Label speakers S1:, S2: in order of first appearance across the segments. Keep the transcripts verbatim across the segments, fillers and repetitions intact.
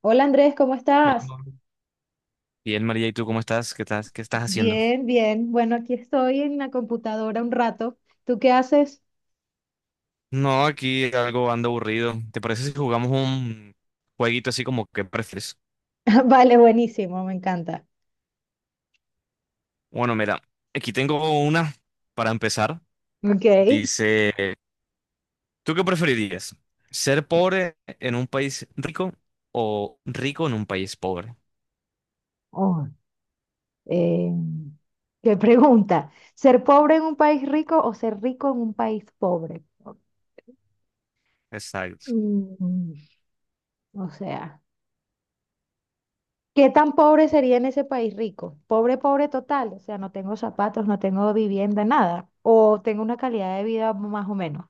S1: Hola Andrés, ¿cómo estás?
S2: Hola. Bien, María, ¿y tú cómo estás? ¿Qué estás, qué estás haciendo?
S1: Bien, bien. Bueno, aquí estoy en la computadora un rato. ¿Tú qué haces?
S2: No, aquí algo ando aburrido. ¿Te parece si jugamos un jueguito así como que prefieres?
S1: Vale, buenísimo, me encanta.
S2: Bueno, mira, aquí tengo una para empezar.
S1: Ok.
S2: Dice, ¿tú qué preferirías? ¿Ser pobre en un país rico o rico en un país pobre?
S1: Oh, eh, qué pregunta. ¿Ser pobre en un país rico o ser rico en un país pobre?
S2: Exacto.
S1: Mm, o sea, ¿qué tan pobre sería en ese país rico? Pobre, pobre total. O sea, no tengo zapatos, no tengo vivienda, nada. O tengo una calidad de vida más o menos.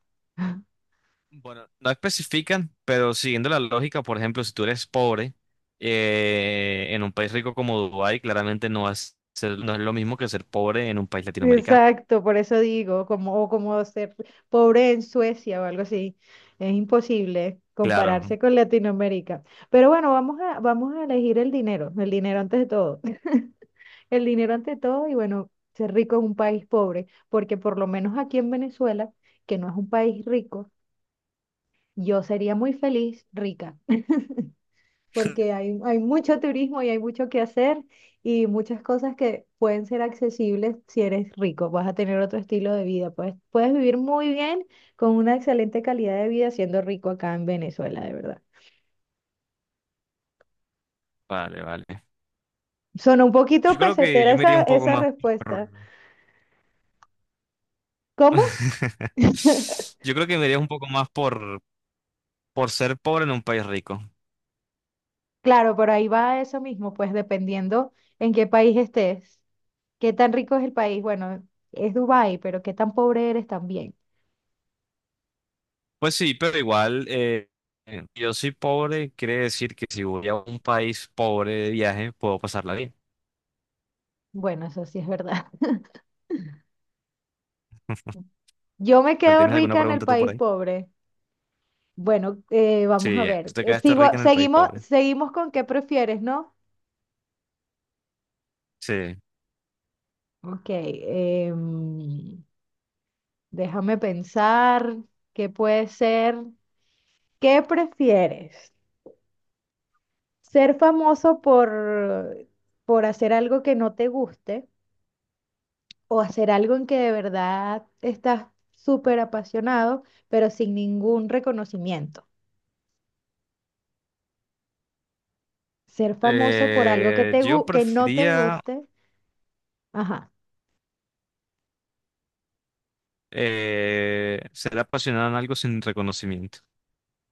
S2: Bueno, no especifican, pero siguiendo la lógica, por ejemplo, si tú eres pobre, eh, en un país rico como Dubái, claramente no vas a ser- no es lo mismo que ser pobre en un país latinoamericano.
S1: Exacto, por eso digo, como, o como ser pobre en Suecia o algo así. Es imposible
S2: Claro,
S1: compararse con Latinoamérica. Pero bueno, vamos a, vamos a elegir el dinero, el dinero antes de todo. El dinero ante todo y bueno, ser rico en un país pobre, porque por lo menos aquí en Venezuela, que no es un país rico, yo sería muy feliz rica. Porque hay, hay mucho turismo y hay mucho que hacer y muchas cosas que pueden ser accesibles si eres rico. Vas a tener otro estilo de vida. Puedes, puedes vivir muy bien con una excelente calidad de vida siendo rico acá en Venezuela, de verdad.
S2: vale, vale.
S1: Sonó un poquito
S2: Yo creo que
S1: pesetera
S2: yo me iría
S1: esa,
S2: un poco
S1: esa
S2: más por...
S1: respuesta. ¿Cómo?
S2: Yo creo que me iría un poco más por, por ser pobre en un país rico.
S1: Claro, por ahí va eso mismo, pues dependiendo en qué país estés, qué tan rico es el país. Bueno, es Dubái, pero qué tan pobre eres también.
S2: Pues sí, pero igual, eh, eh, yo soy pobre, quiere decir que si voy a un país pobre de viaje, puedo pasarla bien.
S1: Bueno, eso sí es verdad. Yo me
S2: ¿Vale?
S1: quedo
S2: ¿Tienes alguna
S1: rica en el
S2: pregunta tú por
S1: país
S2: ahí?
S1: pobre. Bueno, eh, vamos
S2: Sí,
S1: a
S2: ya, tú
S1: ver.
S2: te
S1: Eh,
S2: quedaste
S1: Sigo,
S2: rica en el país
S1: seguimos,
S2: pobre.
S1: seguimos con qué prefieres, ¿no?
S2: Sí.
S1: Ok, em, déjame pensar qué puede ser. ¿Qué prefieres? ¿Ser famoso por, por hacer algo que no te guste o hacer algo en que de verdad estás súper apasionado, pero sin ningún reconocimiento? Ser famoso por algo que,
S2: Eh,
S1: te,
S2: yo
S1: gu- que no te
S2: prefería
S1: guste. Ajá.
S2: eh, ser apasionado en algo sin reconocimiento.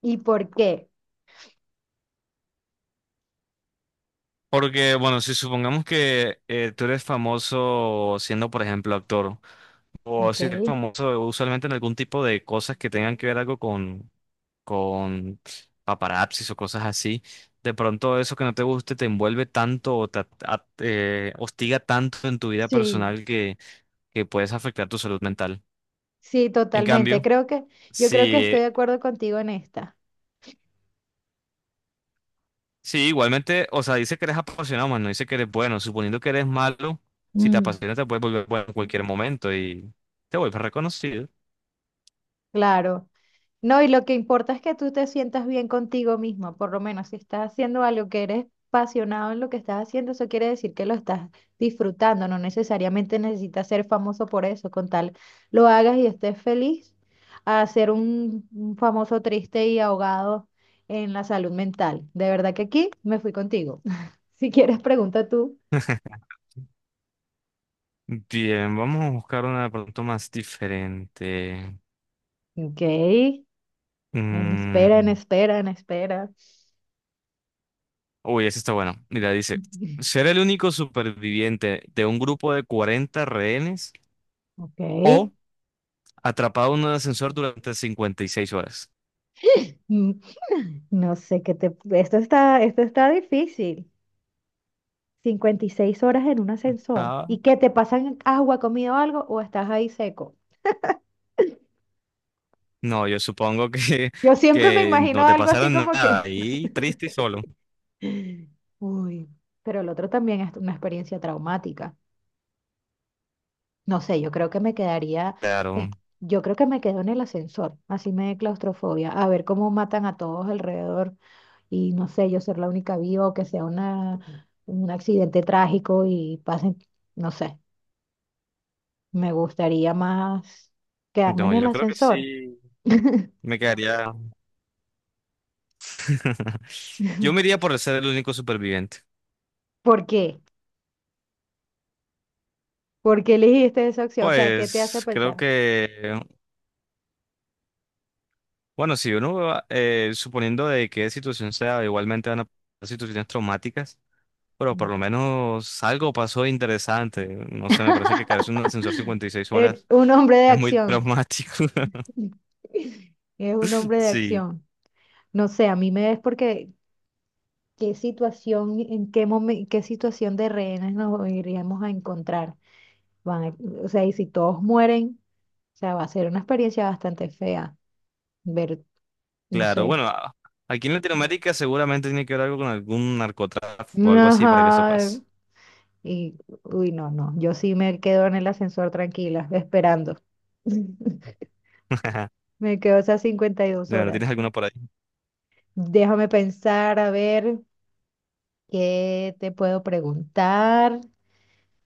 S1: ¿Y por qué?
S2: Porque, bueno, si supongamos que eh, tú eres famoso siendo, por ejemplo, actor, o
S1: Ok.
S2: si eres famoso usualmente en algún tipo de cosas que tengan que ver algo con, con paparazzis o cosas así, de pronto eso que no te guste te envuelve tanto o te at- at- eh, hostiga tanto en tu vida
S1: Sí.
S2: personal que, que puedes afectar tu salud mental.
S1: Sí,
S2: En
S1: totalmente.
S2: cambio,
S1: Creo que, yo creo que
S2: si,
S1: estoy de acuerdo contigo en esta.
S2: sí, igualmente, o sea, dice que eres apasionado, más no dice que eres bueno. Suponiendo que eres malo, si te
S1: Mm.
S2: apasiona te puedes volver bueno en cualquier momento y te vuelves reconocido.
S1: Claro. No, y lo que importa es que tú te sientas bien contigo mismo, por lo menos si estás haciendo algo que eres apasionado en lo que estás haciendo, eso quiere decir que lo estás disfrutando, no necesariamente necesitas ser famoso por eso, con tal lo hagas y estés feliz, a ser un, un famoso triste y ahogado en la salud mental. De verdad que aquí me fui contigo. Si quieres, pregunta tú.
S2: Bien, vamos a buscar una de pronto más diferente.
S1: Ok. En espera, en
S2: Mm,
S1: espera, en espera.
S2: Uy, esa está bueno. Mira, dice, ser el único superviviente de un grupo de cuarenta rehenes
S1: Ok.
S2: o atrapado en un ascensor durante cincuenta y seis horas.
S1: Mm, No sé qué te... Esto está, esto está difícil. Cincuenta y seis horas en un ascensor.
S2: Ah,
S1: ¿Y qué te pasan agua, comida o algo? ¿O estás ahí seco?
S2: No, yo supongo que,
S1: Yo siempre me
S2: que no
S1: imagino
S2: te
S1: algo
S2: pasará
S1: así como
S2: nada
S1: que...
S2: y triste y solo.
S1: Uy. Pero el otro también es una experiencia traumática. No sé, yo creo que me quedaría... es-
S2: Claro.
S1: Yo creo que me quedo en el ascensor. Así me dé claustrofobia. A ver cómo matan a todos alrededor. Y no sé, yo ser la única viva o que sea una, un accidente trágico y pasen, no sé, me gustaría más quedarme en
S2: No,
S1: el
S2: yo creo que
S1: ascensor.
S2: sí me quedaría. Yo me iría por ser el único superviviente.
S1: ¿Por qué? ¿Por qué elegiste esa opción? O sea, ¿qué te hace
S2: Pues creo
S1: pensar?
S2: que, bueno, si uno va, eh, suponiendo de qué situación sea, igualmente van a pasar situaciones traumáticas, pero por lo menos algo pasó interesante. No sé, me parece que caerse en un ascensor cincuenta y seis
S1: Eh,
S2: horas
S1: un hombre de
S2: es muy
S1: acción.
S2: traumático.
S1: Es un hombre de
S2: Sí.
S1: acción. No sé, a mí me es porque qué situación, en qué momen- qué situación de rehenes nos iríamos a encontrar. Van a- o sea, y si todos mueren, o sea, va a ser una experiencia bastante fea ver, no
S2: Claro,
S1: sé.
S2: bueno, a- aquí en Latinoamérica seguramente tiene que ver algo con algún narcotráfico o algo así para que eso
S1: Ajá.
S2: pase.
S1: Y, uy, no, no. Yo sí me quedo en el ascensor tranquila, esperando. Me quedo esas cincuenta y dos
S2: Bueno, ¿tienes
S1: horas.
S2: alguna por ahí?
S1: Déjame pensar, a ver, ¿qué te puedo preguntar?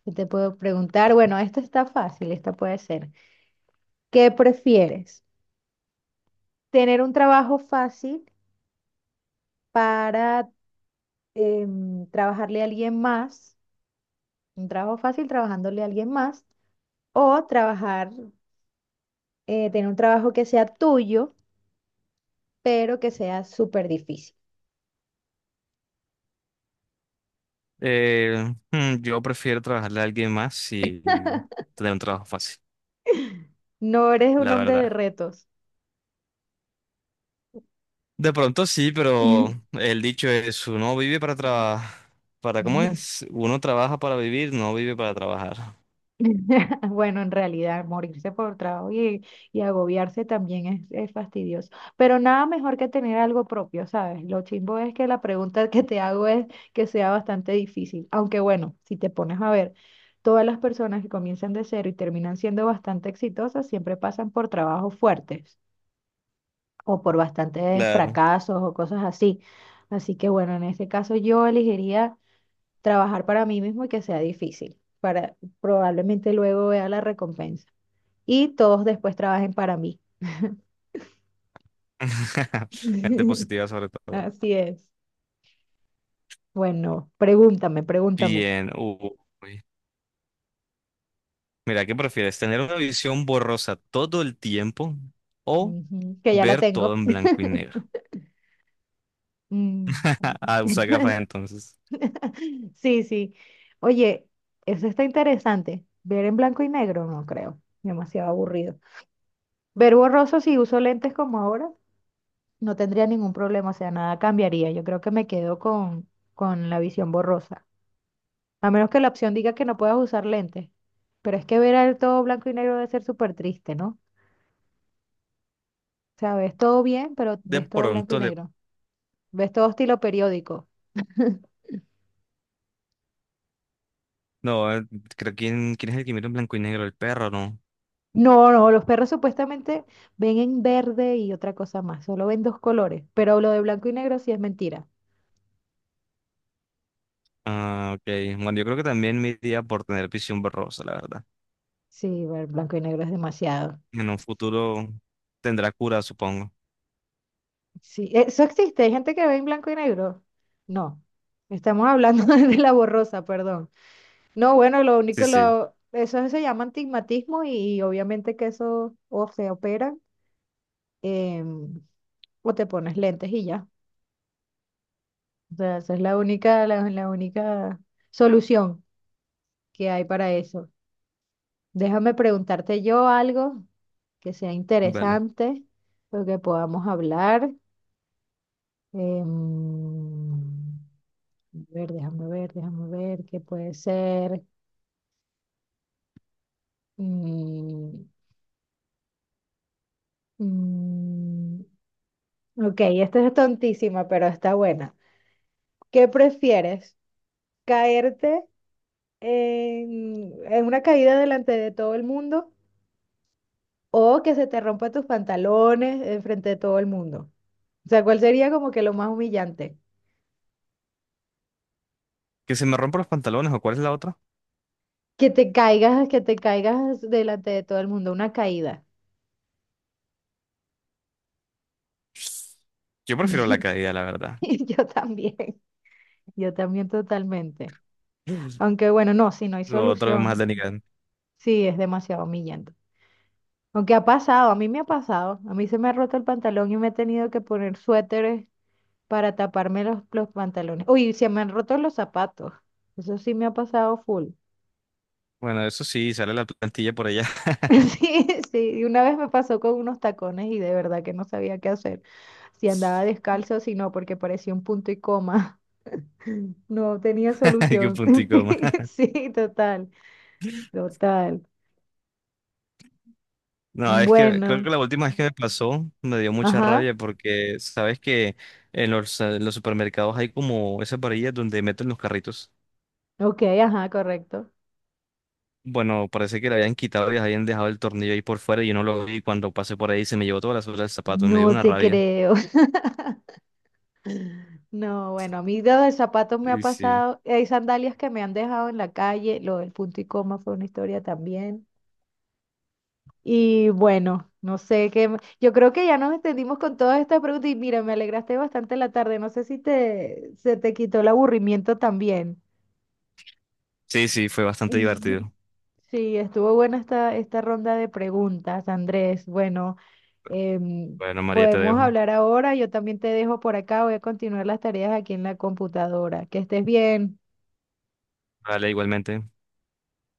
S1: ¿Qué te puedo preguntar? Bueno, esto está fácil, esta puede ser. ¿Qué prefieres? ¿Tener un trabajo fácil para em, trabajarle a alguien más? Un trabajo fácil trabajándole a alguien más. O trabajar, eh, tener un trabajo que sea tuyo, pero que sea súper difícil.
S2: Eh, mm, yo prefiero trabajarle a alguien más y tener un trabajo fácil,
S1: No eres un
S2: la
S1: hombre de
S2: verdad.
S1: retos.
S2: De pronto sí, pero el dicho es, uno vive para trabajar. ¿Para cómo es? Uno trabaja para vivir, no vive para trabajar.
S1: Bueno, en realidad, morirse por trabajo y, y agobiarse también es, es fastidioso. Pero nada mejor que tener algo propio, ¿sabes? Lo chimbo es que la pregunta que te hago es que sea bastante difícil. Aunque bueno, si te pones a ver, todas las personas que comienzan de cero y terminan siendo bastante exitosas siempre pasan por trabajos fuertes. O por bastantes
S2: Claro.
S1: fracasos o cosas así. Así que bueno, en este caso yo elegiría trabajar para mí mismo y que sea difícil, para probablemente luego vea la recompensa y todos después trabajen para mí.
S2: Gente positiva sobre todo.
S1: Así es. Bueno, pregúntame, pregúntame.
S2: Bien. Uy. Mira, ¿qué prefieres? ¿Tener una visión borrosa todo el tiempo o
S1: Ujú, que ya la
S2: ver
S1: tengo.
S2: todo en blanco y negro?
S1: Mm.
S2: Ah, usa gafas entonces.
S1: Sí, sí. Oye, eso está interesante. Ver en blanco y negro, no creo. Demasiado aburrido. Ver borroso si uso lentes como ahora. No tendría ningún problema, o sea, nada cambiaría. Yo creo que me quedo con, con la visión borrosa. A menos que la opción diga que no puedas usar lentes. Pero es que ver el todo blanco y negro debe ser súper triste, ¿no? O sea, ves todo bien, pero
S2: De
S1: ves todo blanco y
S2: pronto le...
S1: negro. Ves todo estilo periódico.
S2: No, eh, creo que quién, quién es el que mira en blanco y negro, el perro, ¿no?
S1: No, no, los perros supuestamente ven en verde y otra cosa más, solo ven dos colores, pero lo de blanco y negro sí es mentira.
S2: Ah, ok. Bueno, yo creo que también me iría por tener visión borrosa, la verdad.
S1: Sí, ver blanco y negro es demasiado.
S2: En un futuro tendrá cura, supongo.
S1: Sí, eso existe. Hay gente que ve en blanco y negro. No, estamos hablando de la borrosa, perdón. No, bueno, lo
S2: Sí,
S1: único,
S2: sí,
S1: lo, eso se llama antigmatismo y, obviamente que eso o se opera em, o te pones lentes y ya. O sea, esa es la única, la, la única solución que hay para eso. Déjame preguntarte yo algo que sea
S2: vale.
S1: interesante, lo que podamos hablar. Em, A ver, déjame ver, déjame ver qué puede ser. Mm, mm, ok, esta es tontísima, pero está buena. ¿Qué prefieres? ¿Caerte en, en una caída delante de todo el mundo o que se te rompa tus pantalones enfrente de todo el mundo? O sea, ¿cuál sería como que lo más humillante?
S2: ¿Que se me rompan los pantalones o cuál es la otra?
S1: Que te caigas, que te caigas delante de todo el mundo, una caída.
S2: Yo prefiero la caída, la verdad.
S1: Yo también, yo también totalmente. Aunque bueno, no, si no hay
S2: Lo otro es más
S1: solución.
S2: denigrante.
S1: Sí, es demasiado humillante. Aunque ha pasado, a mí me ha pasado. A mí se me ha roto el pantalón y me he tenido que poner suéteres para taparme los, los pantalones. Uy, se me han roto los zapatos. Eso sí me ha pasado full.
S2: Bueno, eso sí, sale la plantilla por allá.
S1: Sí, sí. Y una vez me pasó con unos tacones y de verdad que no sabía qué hacer. Si andaba descalzo, si no, porque parecía un punto y coma. No tenía
S2: Ay, qué
S1: solución.
S2: puntico más.
S1: Sí, sí, total, total.
S2: No, es que creo
S1: Bueno,
S2: que la última vez que me pasó me dio mucha
S1: ajá,
S2: rabia porque sabes que en los, eh, los supermercados hay como esas varillas donde meten los carritos.
S1: ok, ajá, correcto.
S2: Bueno, parece que le habían quitado y habían dejado el tornillo ahí por fuera y yo no lo vi. Cuando pasé por ahí se me llevó toda la suela del zapato, me dio
S1: No
S2: una
S1: te
S2: rabia.
S1: creo. No, bueno, a mí lo del zapato me ha
S2: Y sí,
S1: pasado. Hay sandalias que me han dejado en la calle. Lo del punto y coma fue una historia también. Y bueno, no sé qué. m- Yo creo que ya nos extendimos con todas estas preguntas. Y mira, me alegraste bastante la tarde. No sé si te, se te quitó el aburrimiento también.
S2: sí, sí, fue bastante divertido.
S1: Sí, estuvo buena esta, esta ronda de preguntas, Andrés. Bueno, em,
S2: Bueno, María, te
S1: podemos
S2: dejo.
S1: hablar ahora. Yo también te dejo por acá. Voy a continuar las tareas aquí en la computadora. Que estés bien.
S2: Vale, igualmente.